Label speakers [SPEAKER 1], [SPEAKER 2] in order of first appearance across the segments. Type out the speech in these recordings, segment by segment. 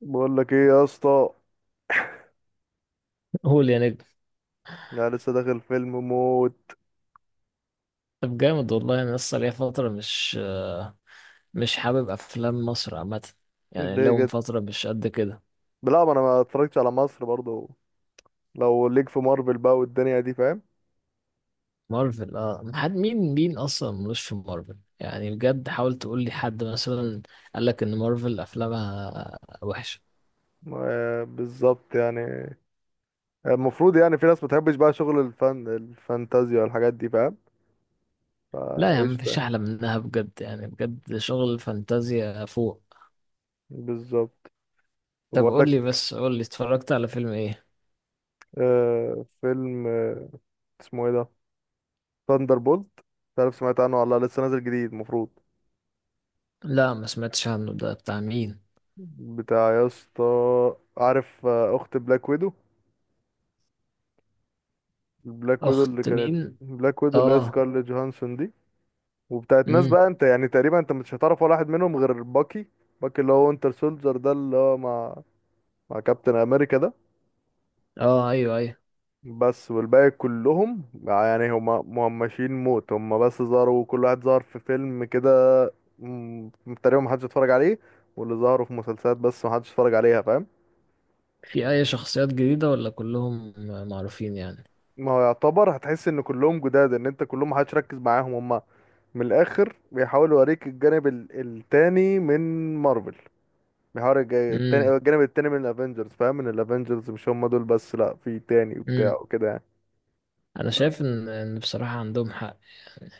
[SPEAKER 1] بقول لك ايه يا اسطى؟
[SPEAKER 2] قول يا نجم.
[SPEAKER 1] يعني لسه داخل فيلم موت.
[SPEAKER 2] طب جامد والله، انا لسه ليا فتره مش حابب افلام مصر عامه. يعني
[SPEAKER 1] ليه
[SPEAKER 2] لهم
[SPEAKER 1] كده؟
[SPEAKER 2] فتره مش قد كده.
[SPEAKER 1] لا، ما انا ما اتفرجتش على مصر برضو. لو ليك في مارفل بقى والدنيا دي، فاهم؟
[SPEAKER 2] مارفل اه، حد مين اصلا ملوش في مارفل، يعني بجد حاول تقول لي حد مثلا قال لك ان مارفل افلامها وحشه.
[SPEAKER 1] آه، بالظبط يعني. المفروض يعني في ناس ما بتحبش بقى شغل الفن، الفانتازيا والحاجات دي، فاهم؟
[SPEAKER 2] لا يا عم مفيش
[SPEAKER 1] فقشطة.
[SPEAKER 2] احلى منها بجد، يعني بجد شغل فانتازيا فوق.
[SPEAKER 1] بالظبط.
[SPEAKER 2] طب
[SPEAKER 1] وبقول
[SPEAKER 2] قول لي
[SPEAKER 1] لك،
[SPEAKER 2] بس قول لي اتفرجت على فيلم ايه؟
[SPEAKER 1] آه، فيلم، اسمه ايه ده؟ ثاندر بولت، مش عارف سمعت عنه ولا لأ، لسه نازل جديد المفروض.
[SPEAKER 2] لا ما سمعتش عنه، ده بتاع مين؟
[SPEAKER 1] بتاع، يا اسطى، عارف، آه، اخت بلاك ويدو. بلاك ويدو اللي
[SPEAKER 2] اخت
[SPEAKER 1] كانت،
[SPEAKER 2] مين؟
[SPEAKER 1] بلاك ويدو اللي هي
[SPEAKER 2] اه.
[SPEAKER 1] سكارليت جوهانسون دي. وبتاعت ناس
[SPEAKER 2] امم.
[SPEAKER 1] بقى انت يعني تقريبا انت مش هتعرف ولا واحد منهم غير باكي. باكي اللي هو وينتر سولجر ده، اللي هو مع، مع كابتن امريكا ده.
[SPEAKER 2] اه ايوه ايوه.
[SPEAKER 1] بس والباقي كلهم يعني هما مهمشين موت، هما بس ظهروا كل واحد ظهر في فيلم كده. م- تقريبا محدش اتفرج عليه. واللي ظهروا في مسلسلات بس محدش اتفرج عليها، فاهم؟
[SPEAKER 2] في اي شخصيات جديدة ولا كلهم معروفين يعني؟
[SPEAKER 1] ما هو يعتبر هتحس ان كلهم جداد، ان انت كلهم محدش ركز معاهم هم. من الاخر بيحاول يوريك الجانب التاني من مارفل. بيحاول
[SPEAKER 2] امم.
[SPEAKER 1] التاني، الجانب التاني من الافنجرز، فاهم؟ من الافنجرز مش هم دول بس، لا في تاني
[SPEAKER 2] امم.
[SPEAKER 1] وبتاع وكده يعني.
[SPEAKER 2] انا شايف ان بصراحة عندهم حق.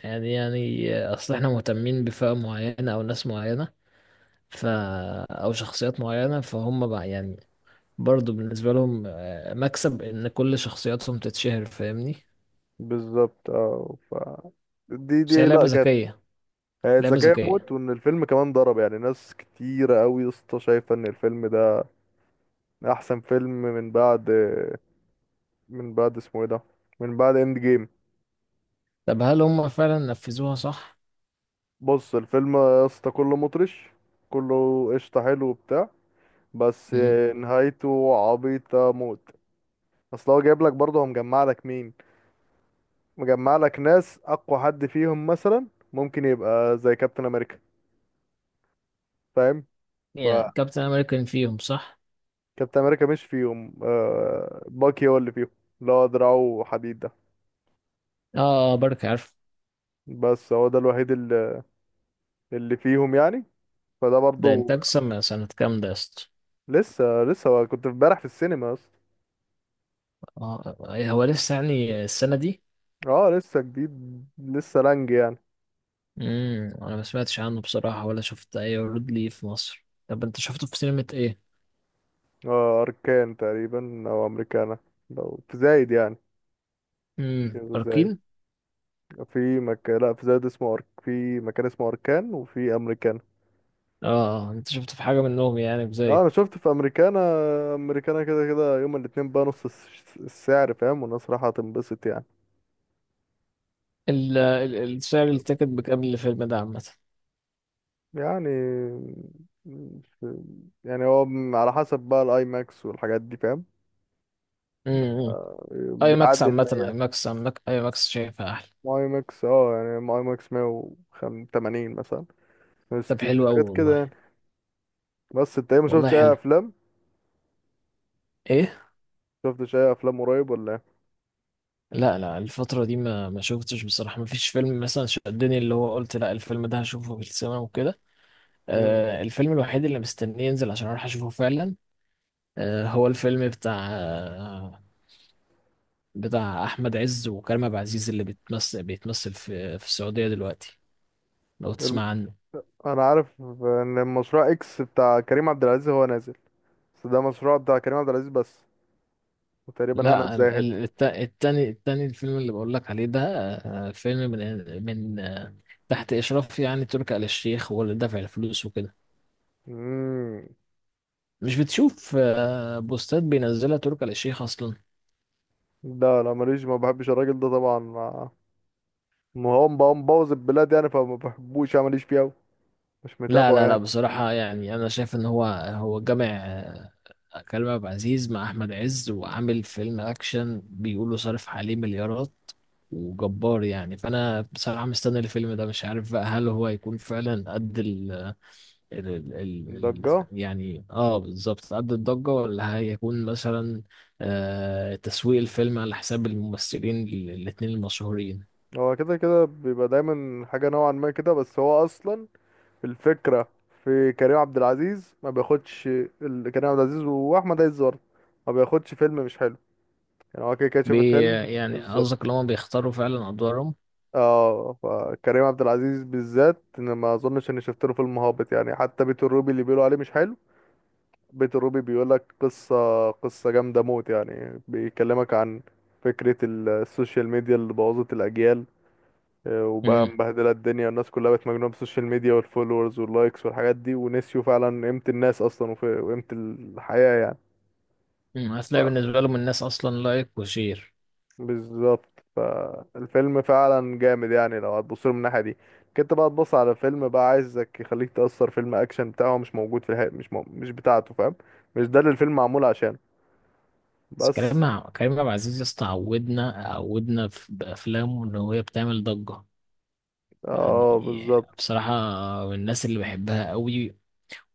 [SPEAKER 2] يعني اصل احنا مهتمين بفئة معينة او ناس معينة، ف او شخصيات معينة فهم بقى يعني برضو بالنسبة لهم، آه، مكسب ان كل شخصياتهم تتشهر، فاهمني؟
[SPEAKER 1] بالظبط. اه ف دي
[SPEAKER 2] بس هي
[SPEAKER 1] دي لا
[SPEAKER 2] لعبة
[SPEAKER 1] كانت.
[SPEAKER 2] ذكية.
[SPEAKER 1] هي
[SPEAKER 2] لعبة
[SPEAKER 1] ذكية
[SPEAKER 2] ذكية.
[SPEAKER 1] موت، وان الفيلم كمان ضرب، يعني ناس كتيرة قوي يا اسطى شايفة ان الفيلم ده احسن فيلم من بعد، من بعد اسمه ايه ده، من بعد اند جيم.
[SPEAKER 2] طب هل هم فعلا نفذوها صح؟
[SPEAKER 1] بص الفيلم يا اسطى كله مطرش، كله قشطة حلو وبتاع. بس
[SPEAKER 2] امم.
[SPEAKER 1] نهايته عبيطة موت. اصل هو جايب لك برضه، هو مجمع لك مين؟ مجمع لك ناس اقوى حد فيهم مثلا ممكن يبقى زي كابتن امريكا، فاهم؟
[SPEAKER 2] يعني كابتن امريكان فيهم صح؟
[SPEAKER 1] فكابتن امريكا مش فيهم، آه، باكي هو اللي فيهم، اللي هو دراعه حديد ده.
[SPEAKER 2] اه. آه، بركة عارف.
[SPEAKER 1] بس هو ده الوحيد اللي، اللي فيهم يعني. فده
[SPEAKER 2] ده
[SPEAKER 1] برضه،
[SPEAKER 2] انتاج سنة كام ده يا اسطى؟
[SPEAKER 1] لسه، لسه، هو كنت امبارح في السينما اصلا.
[SPEAKER 2] اه. هو لسه يعني السنة دي؟
[SPEAKER 1] اه لسه جديد، لسه لانج يعني.
[SPEAKER 2] امم. انا ما سمعتش عنه بصراحة ولا شفت اي عروض ليه في مصر. طب انت شفته في سينما ايه؟
[SPEAKER 1] اه اركان تقريبا او امريكانا، لو تزايد يعني. شيء
[SPEAKER 2] امم،
[SPEAKER 1] زايد.
[SPEAKER 2] اركين.
[SPEAKER 1] في مكان، لا في زايد اسمه في مكان اسمه اركان وفي امريكانا.
[SPEAKER 2] اه، آه، انت شفته في حاجة منهم يعني
[SPEAKER 1] اه
[SPEAKER 2] بزايد؟
[SPEAKER 1] انا شفت في امريكانا. امريكانا كده كده يوم الاتنين بقى نص السعر، فاهم؟ والناس رايحة تنبسط يعني.
[SPEAKER 2] سعر
[SPEAKER 1] بس
[SPEAKER 2] التيكت بكام الفيلم ده عامة؟
[SPEAKER 1] يعني في- يعني هو على حسب بقى الاي ماكس والحاجات دي، فاهم؟
[SPEAKER 2] امم.
[SPEAKER 1] آه،
[SPEAKER 2] اي ماكس
[SPEAKER 1] بيعدي.
[SPEAKER 2] عامة، اي ماكس عامة، اي ماكس شايفها احلى.
[SPEAKER 1] الماي ماكس اه يعني ماي ماكس 180 مثلا،
[SPEAKER 2] طب
[SPEAKER 1] 160
[SPEAKER 2] حلو قوي
[SPEAKER 1] حاجات كده يعني.
[SPEAKER 2] والله.
[SPEAKER 1] بس انت ايه ما
[SPEAKER 2] والله
[SPEAKER 1] شفتش اي
[SPEAKER 2] حلو.
[SPEAKER 1] افلام؟
[SPEAKER 2] ايه؟
[SPEAKER 1] شفتش اي افلام قريب ولا ايه؟
[SPEAKER 2] لا لا، الفترة دي ما شفتش بصراحة. ما فيش فيلم مثلا شدني اللي هو قلت لا الفيلم ده هشوفه في السينما وكده. آه، الفيلم الوحيد اللي مستنيه ينزل عشان اروح اشوفه فعلا، آه، هو الفيلم بتاع احمد عز وكريم عبد العزيز، اللي بيتمثل في السعوديه دلوقتي، لو
[SPEAKER 1] مم.
[SPEAKER 2] تسمع عنه.
[SPEAKER 1] انا عارف ان المشروع اكس بتاع كريم عبد العزيز هو نازل. بس ده مشروع بتاع كريم عبد العزيز بس، وتقريبا هنا
[SPEAKER 2] لا ال- ال-
[SPEAKER 1] الزاهد.
[SPEAKER 2] الت- التاني التاني، الفيلم اللي بقول لك عليه ده، آه، فيلم من تحت اشراف يعني تركي آل الشيخ، هو اللي دافع الفلوس وكده.
[SPEAKER 1] امم.
[SPEAKER 2] مش بتشوف آه، بوستات بينزلها تركي آل الشيخ اصلا؟
[SPEAKER 1] لا لا ماليش، ما بحبش الراجل ده طبعا. ما ما هو مبوظ البلاد يعني، فما بحبوش يعني، ماليش فيه أوي، مش
[SPEAKER 2] لا
[SPEAKER 1] متابعه
[SPEAKER 2] لا لا
[SPEAKER 1] يعني.
[SPEAKER 2] بصراحة يعني، شايف إن هو جامع آه، كريم عبد العزيز مع أحمد عز، وعامل فيلم أكشن بيقولوا صارف عليه مليارات وجبار يعني. فأنا بصراحة مستني الفيلم ده، مش عارف بقى هل هو هيكون فعلا قد ال
[SPEAKER 1] ضجه.
[SPEAKER 2] يعني اه بالظبط قد الضجة، ولا هيكون مثلا آه تسويق الفيلم على حساب الممثلين الاتنين المشهورين.
[SPEAKER 1] هو كده كده بيبقى دايما حاجه نوعا ما كده، بس هو اصلا الفكره في كريم عبد العزيز ما بياخدش، كريم عبد العزيز واحمد عز برضه ما بياخدش فيلم مش حلو. يعني هو كده كده شاف
[SPEAKER 2] بي
[SPEAKER 1] الفيلم.
[SPEAKER 2] يعني قصدك
[SPEAKER 1] بالظبط.
[SPEAKER 2] اللي هما بيختاروا فعلا أدوارهم؟
[SPEAKER 1] اه فكريم عبد العزيز بالذات انا ما اظنش اني شفت له فيلم هابط يعني. حتى بيت الروبي اللي بيقولوا عليه مش حلو، بيت الروبي بيقول لك قصة، قصة جامدة موت، يعني بيكلمك عن فكرة السوشيال ميديا اللي بوظت الأجيال. آه، وبقى مبهدلة الدنيا، والناس كلها بقت مجنونة بالسوشيال ميديا والفولورز واللايكس والحاجات دي، ونسيوا فعلا قيمة الناس أصلا، وقيمة الحياة يعني.
[SPEAKER 2] مم، هتلاقي بالنسبة لهم الناس أصلا لايك وشير.
[SPEAKER 1] بالظبط. فالفيلم فعلا جامد يعني لو هتبص له من الناحيه دي. كنت بقى تبص على فيلم بقى عايزك يخليك تأثر، فيلم اكشن بتاعه مش موجود في الحقيقة، مش بتاعته، فاهم؟ مش ده اللي الفيلم معمول عشانه.
[SPEAKER 2] بس
[SPEAKER 1] بس
[SPEAKER 2] كريم عبد العزيز يا اسطى عودنا بأفلامه إن هي بتعمل ضجة. يعني
[SPEAKER 1] اه بالظبط.
[SPEAKER 2] بصراحة من الناس اللي بحبها قوي،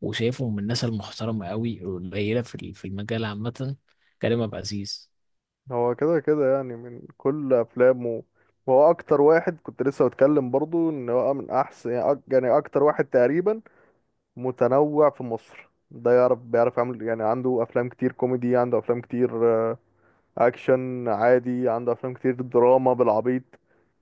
[SPEAKER 2] وشايفه من الناس المحترمة قوي القليلة في في المجال عامة، كريم عبد العزيز.
[SPEAKER 1] هو كده كده يعني من كل افلامه، وهو اكتر واحد كنت لسه بتكلم برضو ان هو من احسن يعني يعني اكتر واحد تقريبا متنوع في مصر ده، يعرف، بيعرف يعمل يعني. عنده افلام كتير كوميدي، عنده افلام كتير اكشن عادي، عنده افلام كتير دراما بالعبيط.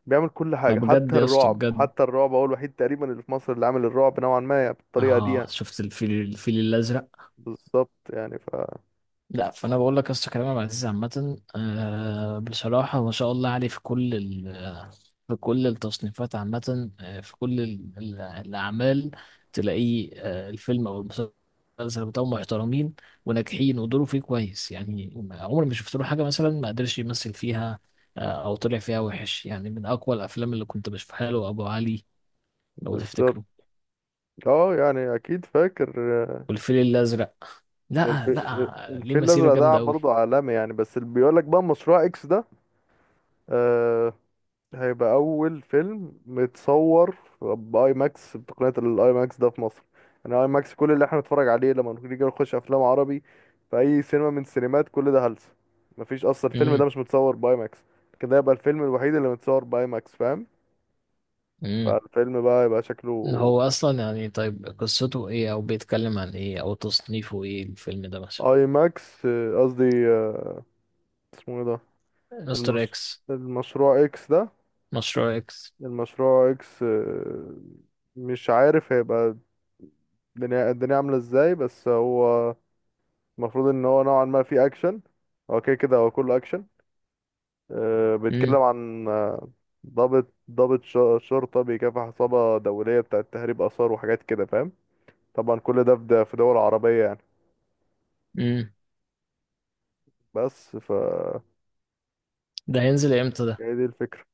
[SPEAKER 1] بيعمل كل
[SPEAKER 2] ما
[SPEAKER 1] حاجه،
[SPEAKER 2] بجد
[SPEAKER 1] حتى
[SPEAKER 2] يا اسطى
[SPEAKER 1] الرعب.
[SPEAKER 2] بجد،
[SPEAKER 1] حتى الرعب هو الوحيد تقريبا اللي في مصر اللي عامل الرعب نوعا ما يعني بالطريقه دي
[SPEAKER 2] اه
[SPEAKER 1] يعني.
[SPEAKER 2] شفت الفيل الأزرق.
[SPEAKER 1] بالظبط يعني ف.
[SPEAKER 2] لا فانا بقول لك يا اسطى، كريم عبد العزيز عامه آه، بصراحه ما شاء الله عليه، في كل في كل التصنيفات عامه، آه، في كل الاعمال تلاقيه آه، الفيلم او المسلسل بتاعه محترمين وناجحين، ودوره فيه كويس. يعني عمري ما شفت له حاجه مثلا ما قدرش يمثل فيها، آه، او طلع فيها وحش. يعني من اقوى الافلام اللي كنت بشوفها له ابو علي، لو
[SPEAKER 1] بالظبط
[SPEAKER 2] تفتكره.
[SPEAKER 1] اه يعني اكيد فاكر. آه،
[SPEAKER 2] والفيل الازرق، لا
[SPEAKER 1] آه،
[SPEAKER 2] لا ليه
[SPEAKER 1] الفيل
[SPEAKER 2] مسيره
[SPEAKER 1] الازرق ده
[SPEAKER 2] جامده قوي.
[SPEAKER 1] برضه عالمي يعني. بس اللي بيقول لك بقى مشروع اكس ده، آه، هيبقى اول فيلم متصور باي ماكس، بتقنيه الاي ماكس ده، في مصر. يعني اي ماكس كل اللي احنا بنتفرج عليه لما نيجي نخش افلام عربي في اي سينما من السينمات كل ده هلس، مفيش اصلا. الفيلم ده مش متصور باي ماكس كده، يبقى الفيلم الوحيد اللي متصور باي ماكس، فاهم؟ فالفيلم بقى يبقى شكله
[SPEAKER 2] هو اصلا يعني، طيب قصته ايه او بيتكلم عن ايه او تصنيفه ايه الفيلم ده مثلا؟
[SPEAKER 1] اي ماكس، آه، قصدي، آه، اسمه ايه ده،
[SPEAKER 2] مستر
[SPEAKER 1] المش...
[SPEAKER 2] اكس.
[SPEAKER 1] المشروع اكس ده،
[SPEAKER 2] مشروع اكس.
[SPEAKER 1] المشروع اكس، آه، مش عارف هيبقى الدنيا عاملة ازاي. بس هو المفروض ان هو نوعا ما فيه اكشن. هو كده كده هو كله اكشن. آه، بيتكلم
[SPEAKER 2] امم.
[SPEAKER 1] عن، آه، ضابط، شرطة بيكافح عصابة دولية بتاعة تهريب آثار وحاجات كده، فاهم؟ طبعا كل ده في، في دول عربية يعني.
[SPEAKER 2] امم.
[SPEAKER 1] بس ف،
[SPEAKER 2] ده هينزل امتى ده؟
[SPEAKER 1] هي دي الفكرة.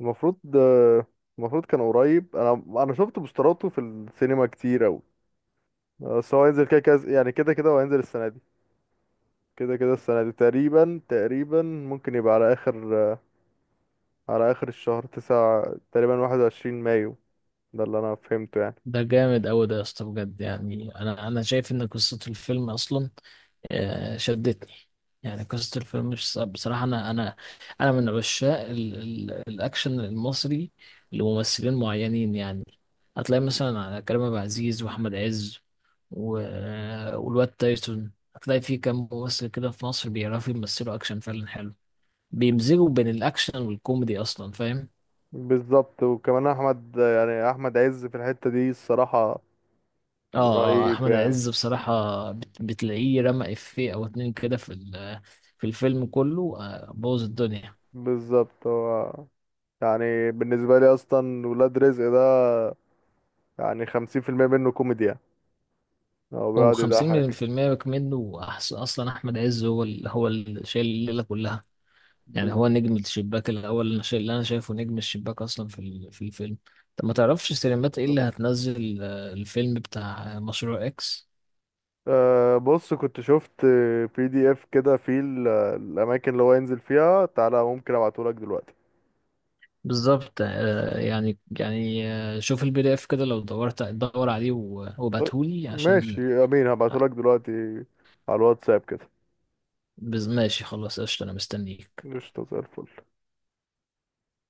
[SPEAKER 1] المفروض، آه، المفروض كان قريب. انا، انا شفت بوستراته في السينما كتير اوي. بس هو هينزل كده كده يعني، كده كده هو هينزل السنة دي. كده كده السنة دي تقريبا، تقريبا ممكن يبقى على آخر، آه، على آخر الشهر تسعة تقريبا، 21 مايو. ده اللي انا فهمته يعني.
[SPEAKER 2] ده جامد قوي ده يا اسطى بجد. يعني انا شايف ان قصة الفيلم اصلا آه، شدتني. يعني قصة الفيلم بصراحة، أنا من عشاق ال ال الأكشن المصري لممثلين معينين يعني. هتلاقي مثلا على كريم عبد العزيز وأحمد عز والواد تايسون، هتلاقي في كام ممثل كده في مصر بيعرفوا يمثلوا أكشن فعلا حلو، بيمزجوا بين الأكشن والكوميدي أصلا، فاهم؟
[SPEAKER 1] بالظبط وكمان احمد يعني احمد عز في الحتة دي الصراحة
[SPEAKER 2] اه اه،
[SPEAKER 1] رهيب
[SPEAKER 2] أحمد
[SPEAKER 1] يعني.
[SPEAKER 2] عز بصراحة بتلاقيه رمى إفيه أو اتنين كده في في الفيلم كله، آه، بوظ الدنيا.
[SPEAKER 1] بالظبط. هو، يعني بالنسبة لي اصلا ولاد رزق ده، يعني 50% منه كوميديا. هو
[SPEAKER 2] هو
[SPEAKER 1] بيقعد يضحك.
[SPEAKER 2] 50% منه اصلا احمد عز هو هو اللي شايل الليله كلها. يعني هو
[SPEAKER 1] بز-
[SPEAKER 2] نجم الشباك الاول اللي اللي انا شايفه نجم الشباك اصلا في في الفيلم. طب ما
[SPEAKER 1] بالظبط.
[SPEAKER 2] تعرفش سينمات ايه اللي هتنزل آه، الفيلم بتاع مشروع اكس؟
[SPEAKER 1] أه بص كنت شفت بي دي اف كده فيه الاماكن اللي هو ينزل فيها، تعالى ممكن ابعتهولك دلوقتي.
[SPEAKER 2] بالظبط آه، يعني يعني آه، شوف البي دي اف كده لو دورت دور عليه
[SPEAKER 1] طيب،
[SPEAKER 2] وابعتهولي
[SPEAKER 1] ماشي
[SPEAKER 2] عشان
[SPEAKER 1] يا امين،
[SPEAKER 2] آه.
[SPEAKER 1] هبعتهولك دلوقتي على الواتساب كده.
[SPEAKER 2] ماشي خلاص قشطة، انا مستنيك.
[SPEAKER 1] قشطة زي الفل.